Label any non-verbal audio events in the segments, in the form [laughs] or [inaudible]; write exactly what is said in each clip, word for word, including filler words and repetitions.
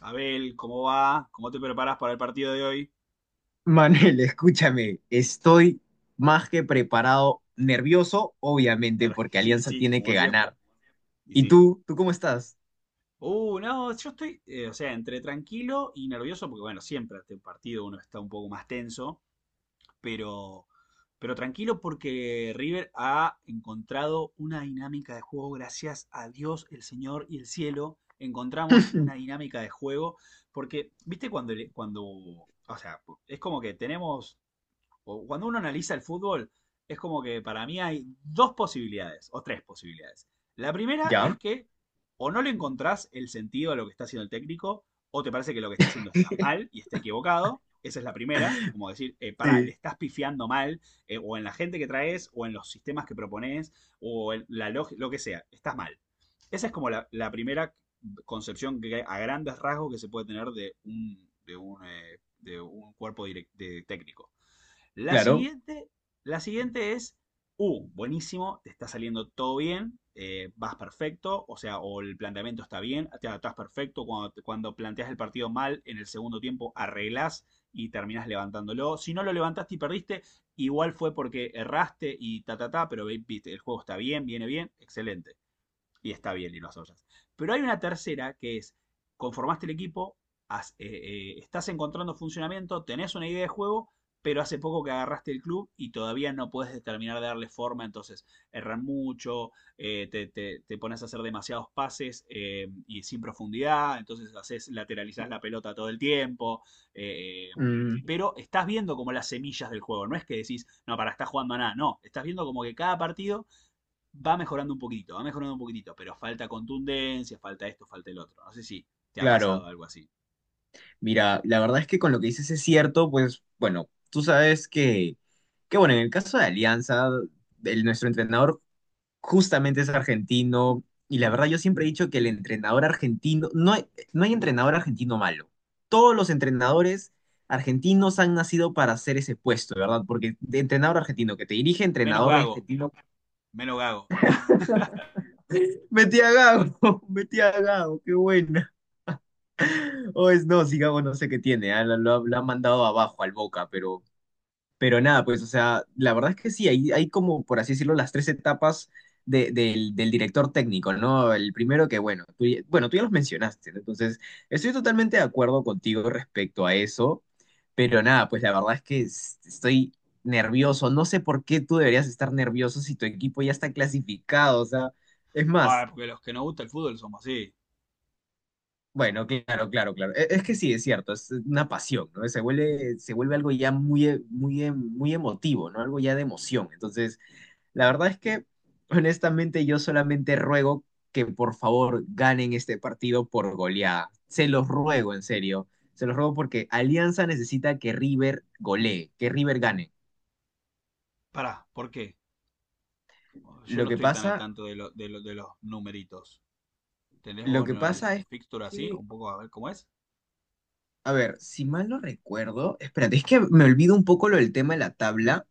Abel, ¿cómo va? ¿Cómo te preparas para el partido de hoy? Manuel, [laughs] escúchame, estoy más que preparado, nervioso, obviamente, porque [laughs] Y Alianza sí, tiene como que siempre. ganar. Y ¿Y sí. tú? ¿Tú cómo estás? Uh, no, yo estoy, eh, o sea, entre tranquilo y nervioso, porque bueno, siempre ante un partido uno está un poco más tenso, pero, pero tranquilo porque River ha encontrado una dinámica de juego, gracias a Dios, el Señor y el cielo, encontramos una [laughs] dinámica de juego, porque, viste, cuando, le- cuando, o sea, es como que tenemos o cuando uno analiza el fútbol, es como que para mí hay dos posibilidades, o tres posibilidades. La primera es ¿Ya? que o no le encontrás el sentido a lo que está haciendo el técnico, o te parece que lo que está haciendo está mal y está equivocado. Esa es la primera, como decir, eh, para, le Sí, estás pifiando mal, eh, o en la gente que traes, o en los sistemas que propones, o en la lógica, lo que sea, estás mal. Esa es como la, la, primera concepción que a grandes rasgos que se puede tener de un, de un, eh, de un cuerpo direct- de técnico. La claro. siguiente, la siguiente es, uh, buenísimo, te está saliendo todo bien, eh, vas perfecto, o sea, o el planteamiento está bien, te adaptás perfecto, cuando, cuando planteas el partido mal, en el segundo tiempo arreglás y terminás levantándolo. Si no lo levantaste y perdiste, igual fue porque erraste y ta, ta, ta, pero viste, el juego está bien, viene bien, excelente. Y está bien, y lo asoyas. Pero hay una tercera que es, conformaste el equipo, has- eh, eh, estás encontrando funcionamiento, tenés una idea de juego, pero hace poco que agarraste el club y todavía no puedes determinar de darle forma, entonces erran mucho, eh, te, te- te pones a hacer demasiados pases eh, y sin profundidad, entonces haces, lateralizás la pelota todo el tiempo, eh, Mm, pero estás viendo como las semillas del juego, no es que decís, no, para, está jugando a nada, no, estás viendo como que cada partido va mejorando un poquitito, va mejorando un poquitito, pero falta contundencia, falta esto, falta el otro. No sé si te ha pasado claro. algo así. Mira, la verdad es que con lo que dices es cierto, pues bueno, tú sabes que, que bueno, en el caso de Alianza, el- nuestro entrenador justamente es argentino y la verdad yo siempre he dicho que el entrenador argentino, no hay, no hay entrenador argentino malo. Todos los entrenadores argentinos han nacido para hacer ese puesto, ¿verdad? Porque de entrenador argentino que te dirige, Menos entrenador gago, argentino, menos gago. [laughs] metí a Gago, [laughs] metí a Gago, qué buena. O es no, si Gago no sé qué tiene, ah, Lo, lo ha lo ha mandado abajo al Boca, pero Pero nada, pues, o sea, la verdad es que sí, hay, hay como, por así decirlo, las tres etapas de- del, del director técnico, ¿no? El primero que, bueno, tú, ya- bueno, tú ya los mencionaste, ¿no? Entonces estoy totalmente de acuerdo contigo respecto a eso, pero nada, pues la verdad es que es- estoy nervioso, no sé por qué tú deberías estar nervioso si tu equipo ya está clasificado, o sea, es más, Ay, porque los que nos gusta el fútbol somos así. bueno, claro, claro, claro, E- es, que sí, es cierto, es una pasión, ¿no? Se vuelve, se vuelve algo ya muy, e- muy, em- muy emotivo, ¿no? Algo ya de emoción, entonces… La verdad es que, honestamente, yo solamente ruego que por favor ganen este partido por goleada. Se los ruego, en serio. Se los ruego porque Alianza necesita que River golee, que River gane. Pará, ¿por qué? Yo Lo no que estoy tan al pasa, tanto de, lo- de lo- de los numeritos. ¿Tenés lo vos que ¿no? el, pasa el es fixture así? que, Un poco a ver cómo es. a ver, si mal no recuerdo, espérate, es que me olvido un poco lo del tema de la tabla,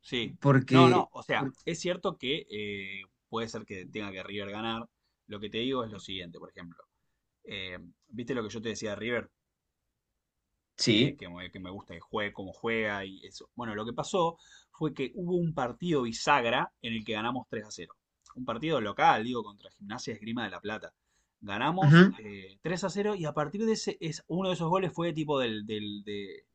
Sí. No, porque, no, o sea, por- es cierto que eh, puede ser que tenga que River ganar. Lo que te digo es lo siguiente, por ejemplo. Eh, ¿viste lo que yo te decía de River? que, sí, que me, que me gusta que juegue, cómo juega y eso. Bueno, lo que pasó fue que hubo un partido bisagra en el que ganamos tres a cero. Un partido local, digo, contra Gimnasia Esgrima de La Plata. Ganamos ujú. eh, tres a cero y a partir de ese, es, uno de esos goles fue tipo del, del- de,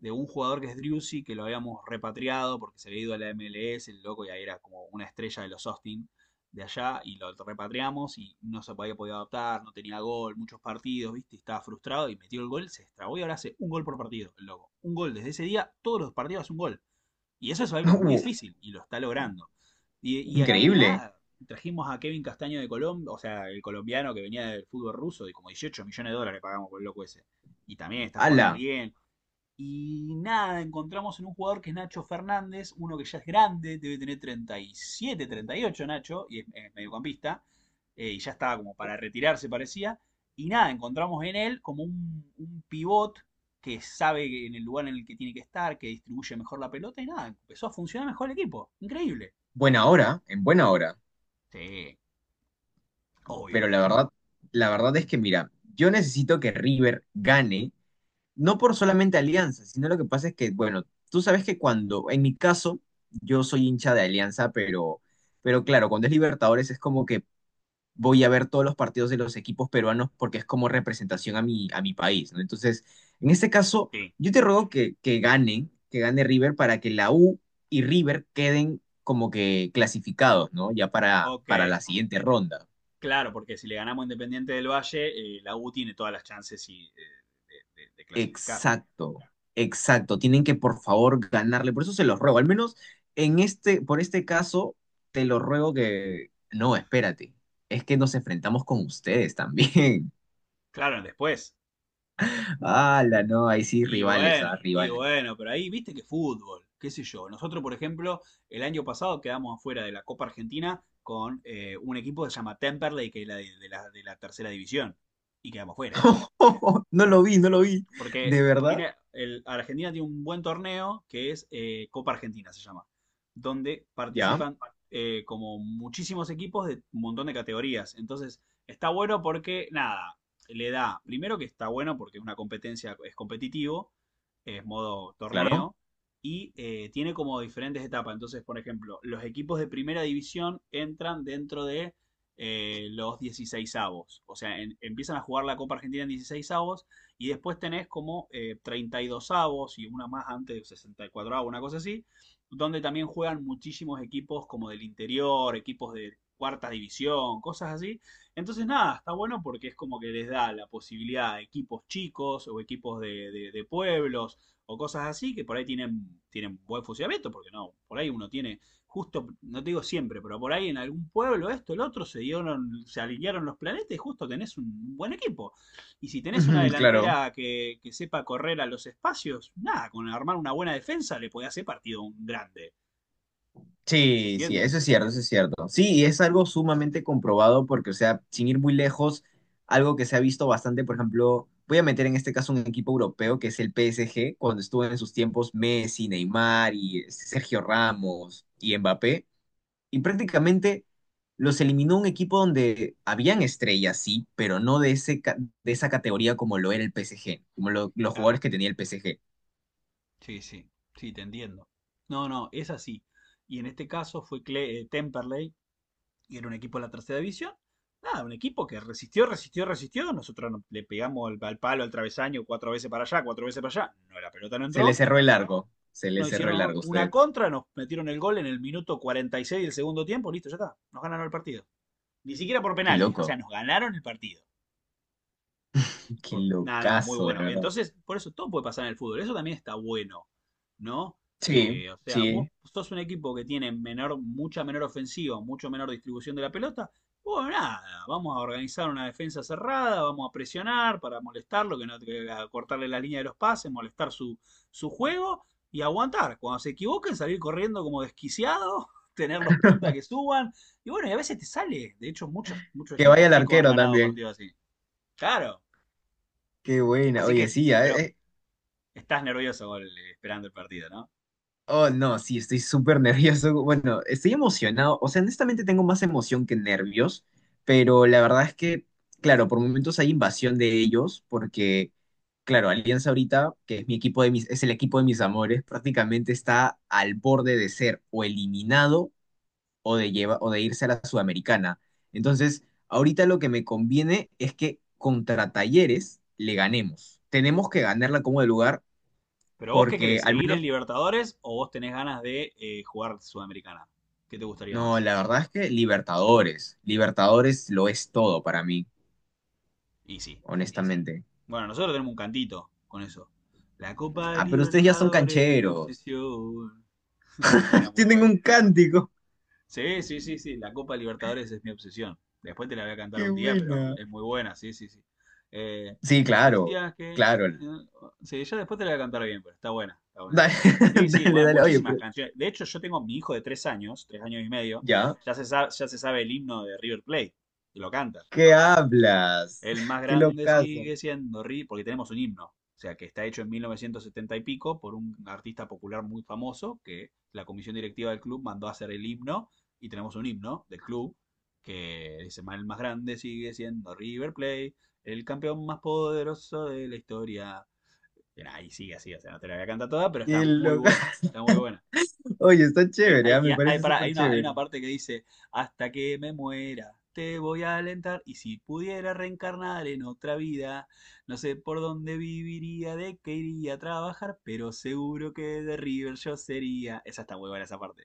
de un jugador que es Driussi, que lo habíamos repatriado porque se había ido a la M L S, el loco, y ahí era como una estrella de los Austin de allá y lo repatriamos y no se había podido adaptar, no tenía gol, muchos partidos, ¿viste? Estaba frustrado y metió el gol, se extrabó y ahora hace un gol por partido, el loco. Un gol desde ese día, todos los partidos hace un gol. Y eso es algo muy Uh, difícil y lo está logrando. Y, y, y increíble. nada, trajimos a Kevin Castaño de Colombia, o sea, el colombiano que venía del fútbol ruso, de como dieciocho millones de dólares pagamos por el loco ese. Y también está jugando Ala, bien, y nada, encontramos en un jugador que es Nacho Fernández, uno que ya es grande, debe tener treinta, treinta y siete, treinta y ocho Nacho, y es, es mediocampista, eh, y ya estaba como para retirarse parecía. Y nada, encontramos en él como un, un pivot que sabe que en el lugar en el que tiene que estar, que distribuye mejor la pelota y nada, empezó a funcionar mejor el equipo. Increíble. buena hora, en buena hora. Sí, Pero obvio. la verdad, la verdad es que, mira, yo necesito que River gane, no por solamente Alianza, sino lo que pasa es que, bueno, tú sabes que cuando, en mi caso, yo soy hincha de Alianza, pero, pero claro, cuando es Libertadores es como que voy a ver todos los partidos de los equipos peruanos porque es como representación a mi, a mi país, ¿no? Entonces, en este caso, Sí, yo te ruego que, que ganen, que gane River para que la U y River queden como que clasificados, ¿no? Ya para, ok. para la siguiente ronda. Claro, porque si le ganamos Independiente del Valle, eh, la U tiene todas las chances y, eh, de, de- de clasificar. Exacto, exacto. Tienen que, por favor, ganarle. Por eso se los ruego. Al menos en este, por este caso, te lo ruego que. No, espérate. Es que nos enfrentamos con ustedes también. Claro, después. [laughs] La no, ahí sí, Y rivales, ah, bueno, y rivales. bueno, pero ahí viste que fútbol, qué sé yo. Nosotros, por ejemplo, el año pasado quedamos afuera de la Copa Argentina con eh, un equipo que se llama Temperley, que es la de, de la, de la tercera división, y quedamos fuera. [laughs] No lo vi, no lo vi. Porque ¿De verdad? tiene el, Argentina tiene un buen torneo que es eh, Copa Argentina, se llama, donde Ya, participan eh, como muchísimos equipos de un montón de categorías. Entonces, está bueno porque, nada, le da, primero que está bueno porque es una competencia, es competitivo, es modo claro. torneo, y eh, tiene como diferentes etapas. Entonces, por ejemplo, los equipos de primera división entran dentro de eh, los dieciséis. O sea, en- empiezan a jugar la Copa Argentina en dieciséis y después tenés como eh, treinta y dos avos y una más antes, de sesenta y cuatro avos, una cosa así, donde también juegan muchísimos equipos como del interior, equipos de cuarta división, cosas así. Entonces, nada, está bueno porque es como que les da la posibilidad a equipos chicos o equipos de, de- de pueblos o cosas así que por ahí tienen, tienen buen funcionamiento, porque no, por ahí uno tiene, justo, no te digo siempre, pero por ahí en algún pueblo esto, el otro, se dieron, se alinearon los planetas y justo tenés un buen equipo. Y si [laughs] tenés una Ujú, claro. delantera que, que sepa correr a los espacios, nada, con armar una buena defensa le podés hacer partido un grande. ¿Se Sí, sí, entiende? eso es cierto, eso es cierto. Sí, y es algo sumamente comprobado porque, o sea, sin ir muy lejos, algo que se ha visto bastante, por ejemplo, voy a meter en este caso un equipo europeo que es el P S G, cuando estuvo en sus tiempos Messi, Neymar y Sergio Ramos y Mbappé, y prácticamente los eliminó un equipo donde habían estrellas, sí, pero no de ese, ca- de esa categoría como lo era el P S G, como lo- los Claro. jugadores que tenía el P S G. Sí, sí, sí, te entiendo. No, no, es así. Y en este caso fue Cle- eh, Temperley, y era un equipo de la tercera división. Nada, un equipo que resistió, resistió, resistió. Nosotros no- le pegamos al, al palo, al travesaño, cuatro veces para allá, cuatro veces para allá. No, la pelota no Se le entró. cerró el largo, se le Nos cerró hicieron el un- largo, una usted. contra, nos metieron el gol en el minuto cuarenta y seis del segundo tiempo. Listo, ya está. Nos ganaron el partido. Ni siquiera por Qué penales. O sea, loco. nos ganaron el partido. Qué Nada, nada, muy locazo, de bueno. verdad. Entonces, por eso todo puede pasar en el fútbol. Eso también está bueno, ¿no? Sí, Que, o sea, vos sí. sos un equipo que tiene menor, mucha menor ofensiva, mucho menor distribución de la pelota. Bueno, nada, vamos a organizar una defensa cerrada, vamos a presionar para molestarlo, que no que- a cortarle la línea de los pases, molestar su, su juego y aguantar. Cuando se equivoquen, salir corriendo como desquiciado, [laughs] tener los puntas que suban. Y bueno, y a veces te sale. De hecho, muchos, muchos Que vaya equipos el chicos han arquero ganado también. partidos así. Claro. Qué buena. Así Oye, que, sí, ya, eh, pero eh. estás nervioso con el- esperando el partido, ¿no? Oh, no, sí, estoy súper [laughs] nervioso. Bueno, estoy emocionado. O sea, honestamente tengo más emoción que nervios, pero la verdad es que, claro, por momentos hay invasión de ellos, porque, claro, Alianza ahorita, que es mi equipo de mis, es el equipo de mis amores, prácticamente está al borde de ser o eliminado o de, lleva, o de irse a la Sudamericana. Entonces, ahorita lo que me conviene es que contra Talleres le ganemos. Tenemos que ganarla como de lugar Pero vos qué porque querés, al ¿seguir en menos, Libertadores o vos tenés ganas de eh, jugar Sudamericana? ¿Qué te gustaría no, más? la verdad es que Libertadores, Libertadores lo es todo para mí, Y sí. honestamente. Bueno, nosotros tenemos un cantito con eso. La Copa de Ah, pero ustedes ya son Libertadores es mi cancheros. obsesión. [laughs] Era [laughs] muy Tienen bueno. un cántico. Sí, sí, sí, sí. La Copa Libertadores es mi obsesión. Después te la voy a cantar Qué un día, pero buena. es muy buena, sí, sí, sí. Eh, Sí, claro, decías que. eh, claro. Sí, ya después te la voy a cantar bien, pero está buena, está buena esa Dale, canción. Sí, [laughs] sí, dale, bueno, dale. Oye, muchísimas pero canciones. De hecho, yo tengo mi hijo de tres años, tres años y medio, ya. ya se sabe, ya se sabe el himno de River Plate, y lo canta. ¿Qué hablas? El [laughs] más Qué grande locazo. sigue siendo Ri, porque tenemos un himno, o sea, que está hecho en mil novecientos setenta y pico por un artista popular muy famoso que la comisión directiva del club mandó a hacer el himno y tenemos un himno del club que dice, el más grande sigue siendo River Plate, el campeón más poderoso de la historia. Y nada, y sigue así, o sea, no te la voy a cantar toda, pero está Qué muy buena, locazo. está muy buena. [laughs] Oye, está Hay, chévere, hay- ah, y me hay- parece pará, hay súper una, hay una chévere. parte que dice, hasta que me muera, te voy a alentar y si pudiera reencarnar en otra vida, no sé por dónde viviría, de qué iría a trabajar, pero seguro que de River yo sería. Esa está muy buena esa parte.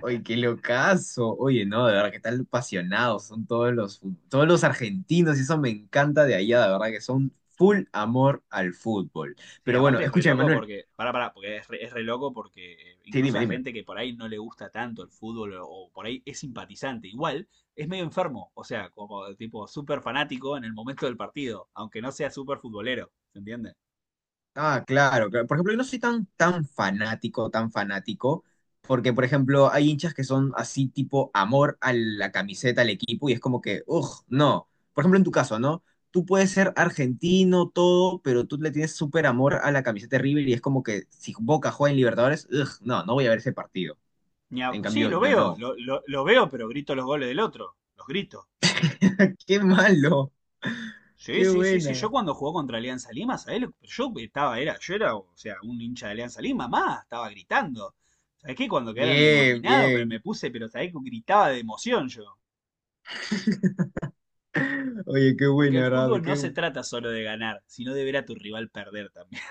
Oye, qué locazo. Oye, no, de verdad que tan apasionados son todos los, fu- todos los argentinos y eso me encanta de allá, de verdad que son full amor al fútbol. Sí, Pero bueno, aparte es re escúchame, loco Manuel. porque, pará, pará, porque es re, es re loco porque eh, Sí, incluso dime, a dime. gente que por ahí no le gusta tanto el fútbol o, o por ahí es simpatizante, igual es medio enfermo, o sea, como tipo súper fanático en el momento del partido, aunque no sea súper futbolero, ¿se entiende? Ah, claro, claro. Por ejemplo, yo no soy tan, tan fanático, tan fanático, porque, por ejemplo, hay hinchas que son así tipo amor a la camiseta, al equipo, y es como que, uff, no. Por ejemplo, en tu caso, ¿no? Tú puedes ser argentino, todo, pero tú le tienes súper amor a la camiseta de River y es como que si Boca juega en Libertadores, ugh, no, no voy a ver ese partido. Ni a- En Sí, cambio, lo yo veo, no. lo, lo- lo veo, pero grito los goles del otro, los grito. [laughs] ¡Qué malo! Sí, ¡Qué sí, sí, sí. Yo buena! cuando jugó contra Alianza Lima, ¿sabés? Yo estaba, era, yo era, o sea, un hincha de Alianza Lima, más, estaba gritando. ¿Sabés qué? Cuando quedaron Bien, eliminados, pero bien. me puse, pero ¿sabés que gritaba de emoción yo? Oye, qué Porque buena, el ¿verdad? fútbol no se Qué, trata solo de ganar, sino de ver a tu rival perder también.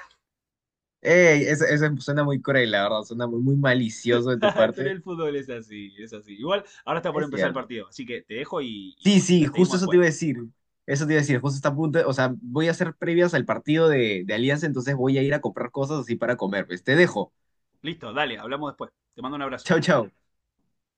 ey, ese, ese suena muy cruel, la verdad, suena muy, muy malicioso de tu [laughs] Pero parte. el fútbol es así, es así. Igual, ahora está por Es empezar el cierto. partido, así que te dejo y, Sí, y y sí, la justo seguimos eso te después. iba a decir. Eso te iba a decir, justo está a punto, de- o sea, voy a hacer previas al partido de, de Alianza, entonces voy a ir a comprar cosas así para comer. Pues te dejo. Listo, dale, hablamos después. Te mando un abrazo. Chao, chao.